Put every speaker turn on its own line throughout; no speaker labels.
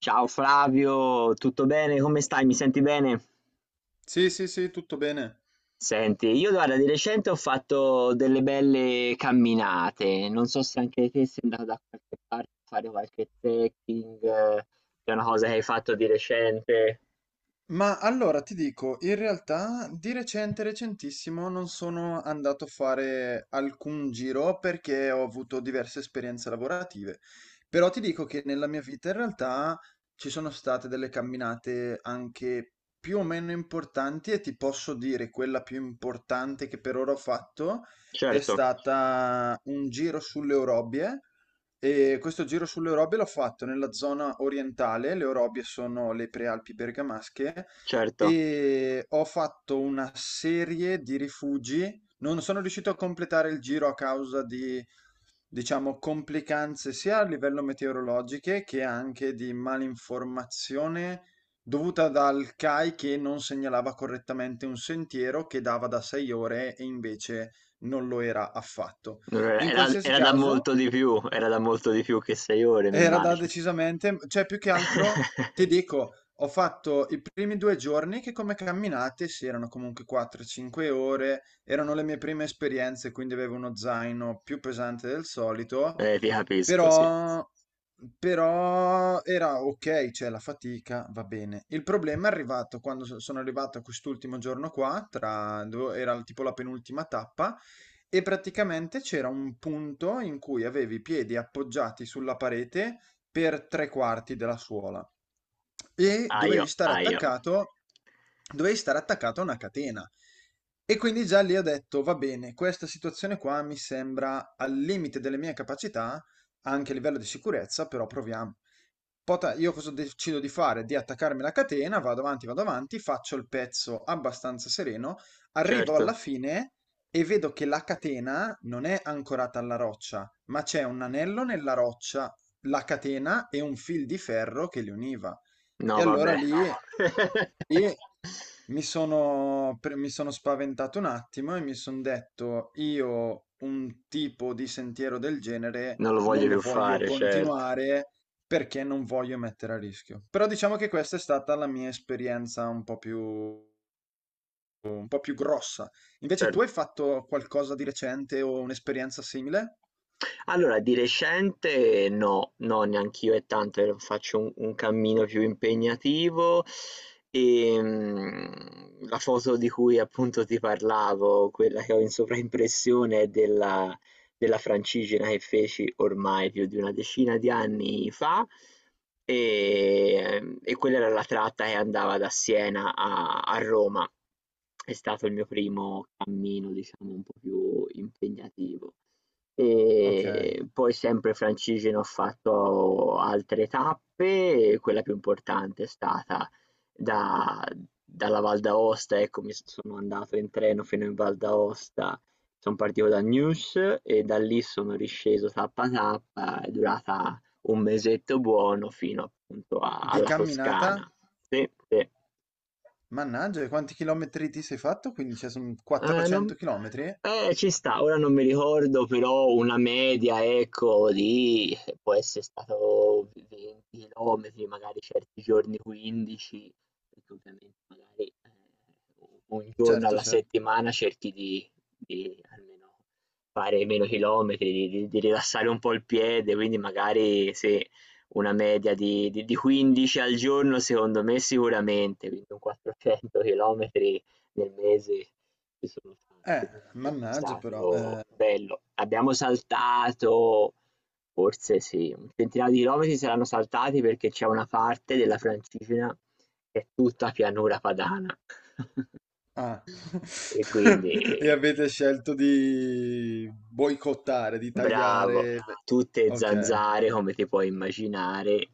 Ciao Flavio, tutto bene? Come stai? Mi senti bene?
Sì, sì, sì, tutto bene.
Senti, io guarda, di recente ho fatto delle belle camminate, non so se anche te sei andato da qualche parte a fare qualche trekking, è una cosa che hai fatto di recente.
Ma allora ti dico, in realtà di recente, recentissimo, non sono andato a fare alcun giro perché ho avuto diverse esperienze lavorative. Però ti dico che nella mia vita in realtà ci sono state delle camminate anche più o meno importanti e ti posso dire quella più importante che per ora ho fatto è
Certo,
stata un giro sulle Orobie. E questo giro sulle Orobie l'ho fatto nella zona orientale, le Orobie sono le prealpi bergamasche,
certo.
e ho fatto una serie di rifugi. Non sono riuscito a completare il giro a causa di, diciamo, complicanze sia a livello meteorologiche che anche di malinformazione dovuta dal CAI, che non segnalava correttamente un sentiero che dava da 6 ore e invece non lo era affatto.
Non era,
In
era-
qualsiasi
era da
caso,
molto di più, era da molto di più che sei ore, mi
era da
immagino.
decisamente, cioè più che altro ti dico, ho fatto i primi 2 giorni che, come camminate, sì, erano comunque 4, 5 ore, erano le mie prime esperienze, quindi avevo uno zaino più pesante del solito,
Ti capisco, sì.
però però era okay, cioè la fatica va bene. Il problema è arrivato quando sono arrivato a quest'ultimo giorno qua, tra dove era tipo la penultima tappa, e praticamente c'era un punto in cui avevi i piedi appoggiati sulla parete per tre quarti della suola e
Aio, aio,
dovevi stare attaccato a una catena. E quindi già lì ho detto, va bene, questa situazione qua mi sembra al limite delle mie capacità, anche a livello di sicurezza, però proviamo. Io cosa decido di fare? Di attaccarmi alla catena, vado avanti, faccio il pezzo abbastanza sereno, arrivo alla
certo,
fine e vedo che la catena non è ancorata alla roccia, ma c'è un anello nella roccia, la catena e un fil di ferro che li univa. E
no,
allora
vabbè.
lì, no, lì mi sono, mi sono spaventato un attimo e mi sono detto, io un tipo di sentiero del genere
Non lo voglio
non
più
voglio voglio
fare, certo,
continuare. Continuare perché non voglio mettere a rischio. Però diciamo che questa è stata la mia esperienza un po' più grossa. Invece tu
certo.
hai fatto qualcosa di recente o un'esperienza simile?
Allora, di recente no, no, neanch'io è tanto che faccio un cammino più impegnativo e la foto di cui appunto ti parlavo, quella che ho in sovraimpressione è della Francigena che feci ormai più di una decina di anni fa e quella era la tratta che andava da Siena a Roma. È stato il mio primo cammino, diciamo, un po' più impegnativo.
Ok.
E poi sempre francigeno ho fatto altre tappe, e quella più importante è stata da- dalla Val d'Aosta, ecco, sono andato in treno fino in Val d'Aosta, sono partito da News e da lì sono risceso tappa tappa, è durata un mesetto buono fino appunto
Di
alla
camminata?
Toscana. Sì, sì.
Mannaggia, e quanti chilometri ti sei fatto? Quindi cioè, sono
Non
400 chilometri?
ci sta, ora non mi ricordo, però una media, ecco, di può essere stato 20 chilometri, magari certi giorni 15, perché ovviamente magari un giorno
Certo,
alla
certo.
settimana cerchi di almeno fare meno chilometri, di rilassare un po' il piede, quindi magari se una media di 15 al giorno, secondo me sicuramente, quindi un 400 km nel mese si sono
Eh,
fatti, però ecco, è
mannaggia però.
stato bello. Abbiamo saltato, forse sì, un centinaio di chilometri saranno saltati perché c'è una parte della Francigena che è tutta pianura padana.
Ah.
E quindi,
E avete scelto di boicottare, di
bravo,
tagliare.
tutte
Ok.
zanzare come ti puoi immaginare.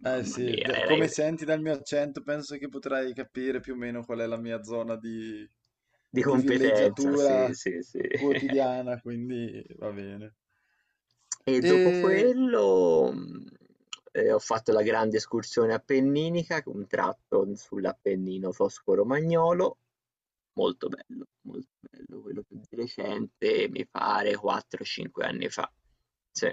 Eh sì,
mia, era
come senti dal mio accento, penso che potrai capire più o meno qual è la mia zona
di
di
competenza,
villeggiatura
sì, sì, sì.
quotidiana, quindi va bene.
E dopo
E
quello, ho fatto la grande escursione appenninica, un tratto sull'Appennino tosco-romagnolo, molto bello, quello più di recente mi pare 4, 5 anni fa. Sì.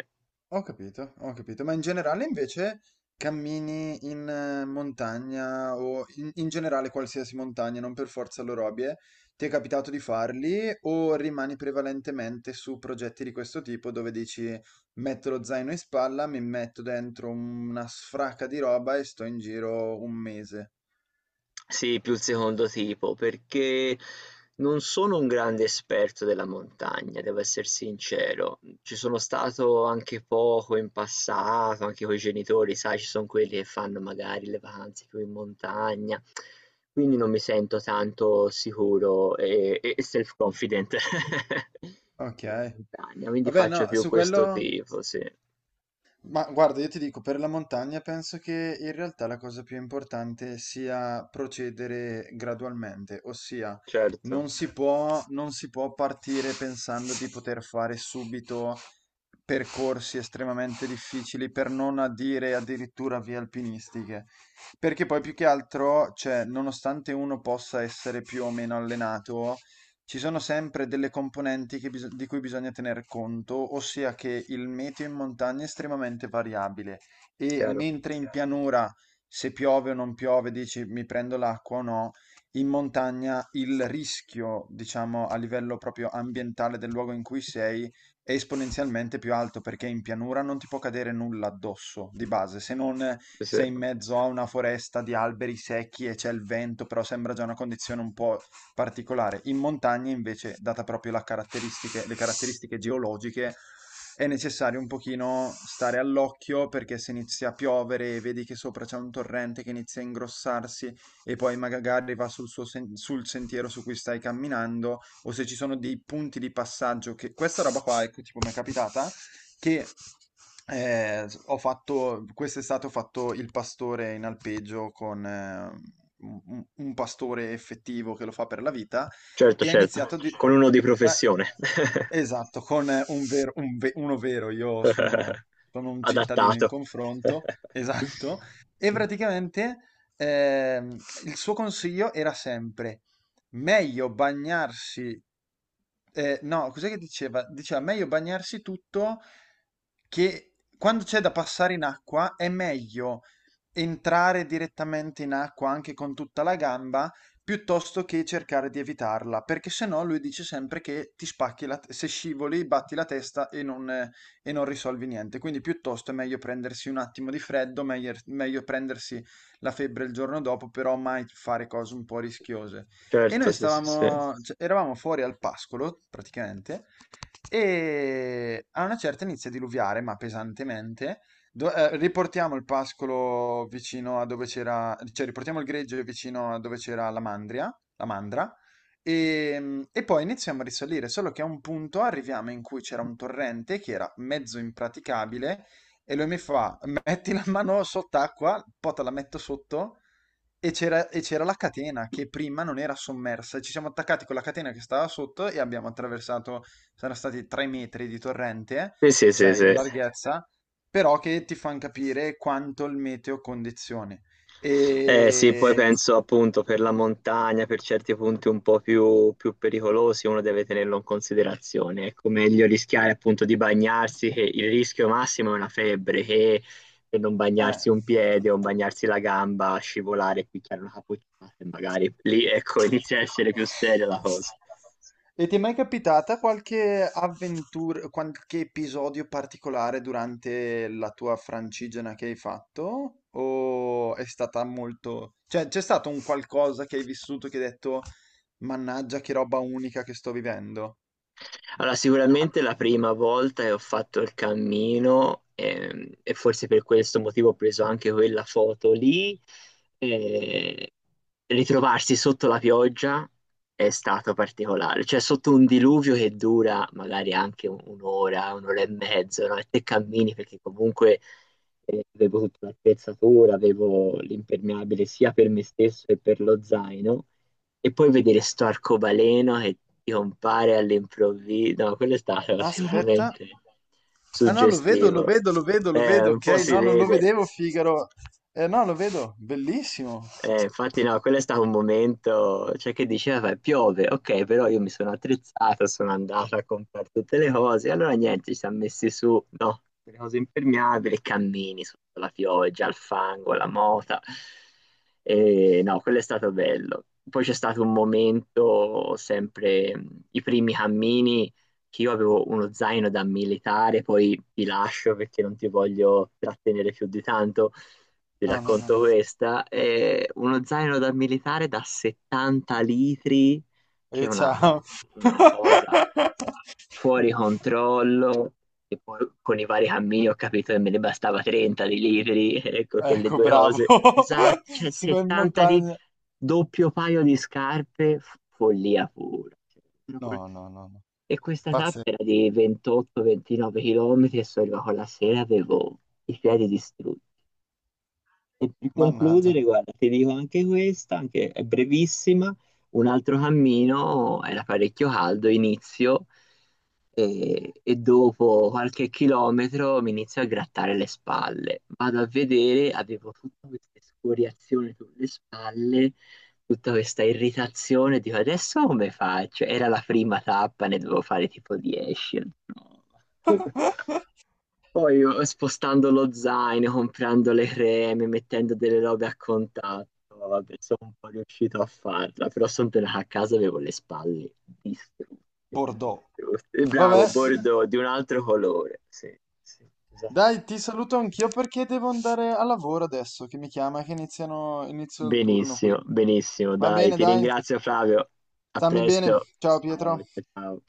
ho capito, ho capito, ma in generale invece cammini in montagna o in, in generale qualsiasi montagna, non per forza l'Orobie, ti è capitato di farli o rimani prevalentemente su progetti di questo tipo dove dici metto lo zaino in spalla, mi metto dentro una sfracca di roba e sto in giro un mese?
Sì, più il secondo tipo, perché non sono un grande esperto della montagna, devo essere sincero. Ci sono stato anche poco in passato, anche con i genitori, sai, ci sono quelli che fanno magari le vacanze più in montagna, quindi non mi sento tanto sicuro e self-confident
Ok,
in montagna, quindi
vabbè
faccio
no,
più
su
questo
quello
tipo, sì.
ma guarda, io ti dico, per la montagna penso che in realtà la cosa più importante sia procedere gradualmente, ossia
Certo,
non si può partire pensando di poter fare subito percorsi estremamente difficili, per non a dire addirittura vie alpinistiche, perché poi più che altro, cioè, nonostante uno possa essere più o meno allenato, ci sono sempre delle componenti che di cui bisogna tener conto, ossia che il meteo in montagna è estremamente variabile e
chiaro.
mentre in pianura, se piove o non piove, dici mi prendo l'acqua o no, in montagna il rischio, diciamo, a livello proprio ambientale del luogo in cui sei è esponenzialmente più alto perché in pianura non ti può cadere nulla addosso di base, se non
Sì, sì.
sei in mezzo a una foresta di alberi secchi e c'è il vento, però sembra già una condizione un po' particolare. In montagna invece, data proprio le caratteristiche geologiche, è necessario un pochino stare all'occhio perché se inizia a piovere e vedi che sopra c'è un torrente che inizia a ingrossarsi e poi magari va sul sentiero su cui stai camminando o se ci sono dei punti di passaggio che questa roba qua, ecco, tipo mi è capitata che ho fatto quest'estate, ho fatto il pastore in alpeggio con un pastore effettivo che lo fa per la vita
Certo,
e ha
certo,
iniziato di...
con uno di
eh,
professione.
esatto, con un vero, uno vero, sono un cittadino in
Adattato.
confronto, esatto, e praticamente ehm, il suo consiglio era sempre meglio bagnarsi. No, cos'è che diceva? Diceva meglio bagnarsi tutto, che quando c'è da passare in acqua è meglio entrare direttamente in acqua anche con tutta la gamba piuttosto che cercare di evitarla, perché se no lui dice sempre che ti spacchi se scivoli, batti la testa e non risolvi niente. Quindi piuttosto è meglio prendersi un attimo di freddo, meglio prendersi la febbre il giorno dopo, però mai fare cose un po' rischiose. E
Certo,
noi
sì, sì, sì.
stavamo, cioè, eravamo fuori al pascolo, praticamente, e a una certa inizia a diluviare, ma pesantemente. Riportiamo il pascolo vicino a dove c'era, cioè riportiamo il greggio vicino a dove c'era la mandria, la mandra, e poi iniziamo a risalire, solo che a un punto arriviamo in cui c'era un torrente che era mezzo impraticabile, e lui mi fa, metti la mano sott'acqua, poi te la metto sotto, e c'era la catena che prima non era sommersa. Ci siamo attaccati con la catena che stava sotto e abbiamo attraversato, saranno stati 3 metri di torrente,
Sì, sì,
cioè
sì,
in, eh sì,
sì.
larghezza, però che ti fanno capire quanto il meteo condizioni.
Sì, poi
E...
penso appunto per la montagna, per certi punti un po' più, più pericolosi, uno deve tenerlo in considerazione. Ecco, meglio rischiare appunto di bagnarsi, che il rischio massimo è una febbre, che per non
eh.
bagnarsi un piede o bagnarsi la gamba, scivolare, picchiare una capocciata e magari lì, ecco, inizia a essere più seria la cosa.
E ti è mai capitata qualche avventura, qualche episodio particolare durante la tua Francigena che hai fatto? O è stata molto... cioè, c'è stato un qualcosa che hai vissuto che hai detto, mannaggia, che roba unica che sto vivendo?
Allora, sicuramente la prima volta che ho fatto il cammino e forse per questo motivo ho preso anche quella foto lì, eh, ritrovarsi sotto la pioggia è stato particolare, cioè sotto un diluvio che dura magari anche un'ora, un'ora e mezzo, no? E te cammini perché comunque avevo tutta l'attrezzatura, avevo l'impermeabile sia per me stesso che per lo zaino e poi vedere sto arcobaleno che ti compare all'improvviso, no, quello è stato
Aspetta.
sicuramente
Ah no, lo vedo, lo
suggestivo.
vedo, lo vedo, lo vedo,
Un
ok?
po' si
No, non lo
vede.
vedevo, Figaro. Eh no, lo vedo, bellissimo.
Infatti no, quello è stato un momento, cioè che diceva, vabbè, piove, ok, però io mi sono attrezzata, sono andata a comprare tutte le cose, allora niente, ci siamo messi su, no, le cose impermeabili, e cammini sotto la pioggia, il fango, la mota, e no, quello è stato bello. Poi c'è stato un momento, sempre i primi cammini, che io avevo uno zaino da militare, poi ti lascio perché non ti voglio trattenere più di tanto vi
No, no, no,
racconto
no.
questa, è uno zaino da militare da 70 litri, che è
E
una,
ciao.
una cosa fuori controllo, e poi con i vari cammini ho capito che me ne bastava 30 di litri, ecco che le
Ecco,
due
bravo.
cose, esatto, cioè
Si va in
70 litri,
montagna.
doppio paio di scarpe, follia pura.
No, no, no, no.
E questa
Pazzesco.
tappa era di 28-29 km e sono arrivato la sera, avevo i piedi distrutti. E per
Mannaggia.
concludere, guarda, ti dico anche questa, anche è brevissima. Un altro cammino era parecchio caldo, inizio e dopo qualche chilometro mi inizio a grattare le spalle. Vado a vedere, avevo tutta questa scoriazione sulle spalle tutta questa irritazione, dico adesso come faccio? Era la prima tappa, ne dovevo fare tipo 10. No. Poi io, spostando lo zaino, comprando le creme, mettendo delle robe a contatto, vabbè, sono un po' riuscito a farla, però sono tornato a casa e avevo le spalle distrutte,
Bordeaux.
distrutte.
Vabbè,
Bravo, bordeaux di un altro colore. Sì, sì,
dai, ti
esattamente.
saluto anch'io perché devo andare a lavoro adesso, che mi chiama, che iniziano, inizio il turno qui.
Benissimo, benissimo.
Va
Dai,
bene,
ti
dai.
ringrazio Flavio. A
Stammi bene.
presto.
Ciao
Ciao,
Pietro.
ciao. Ciao.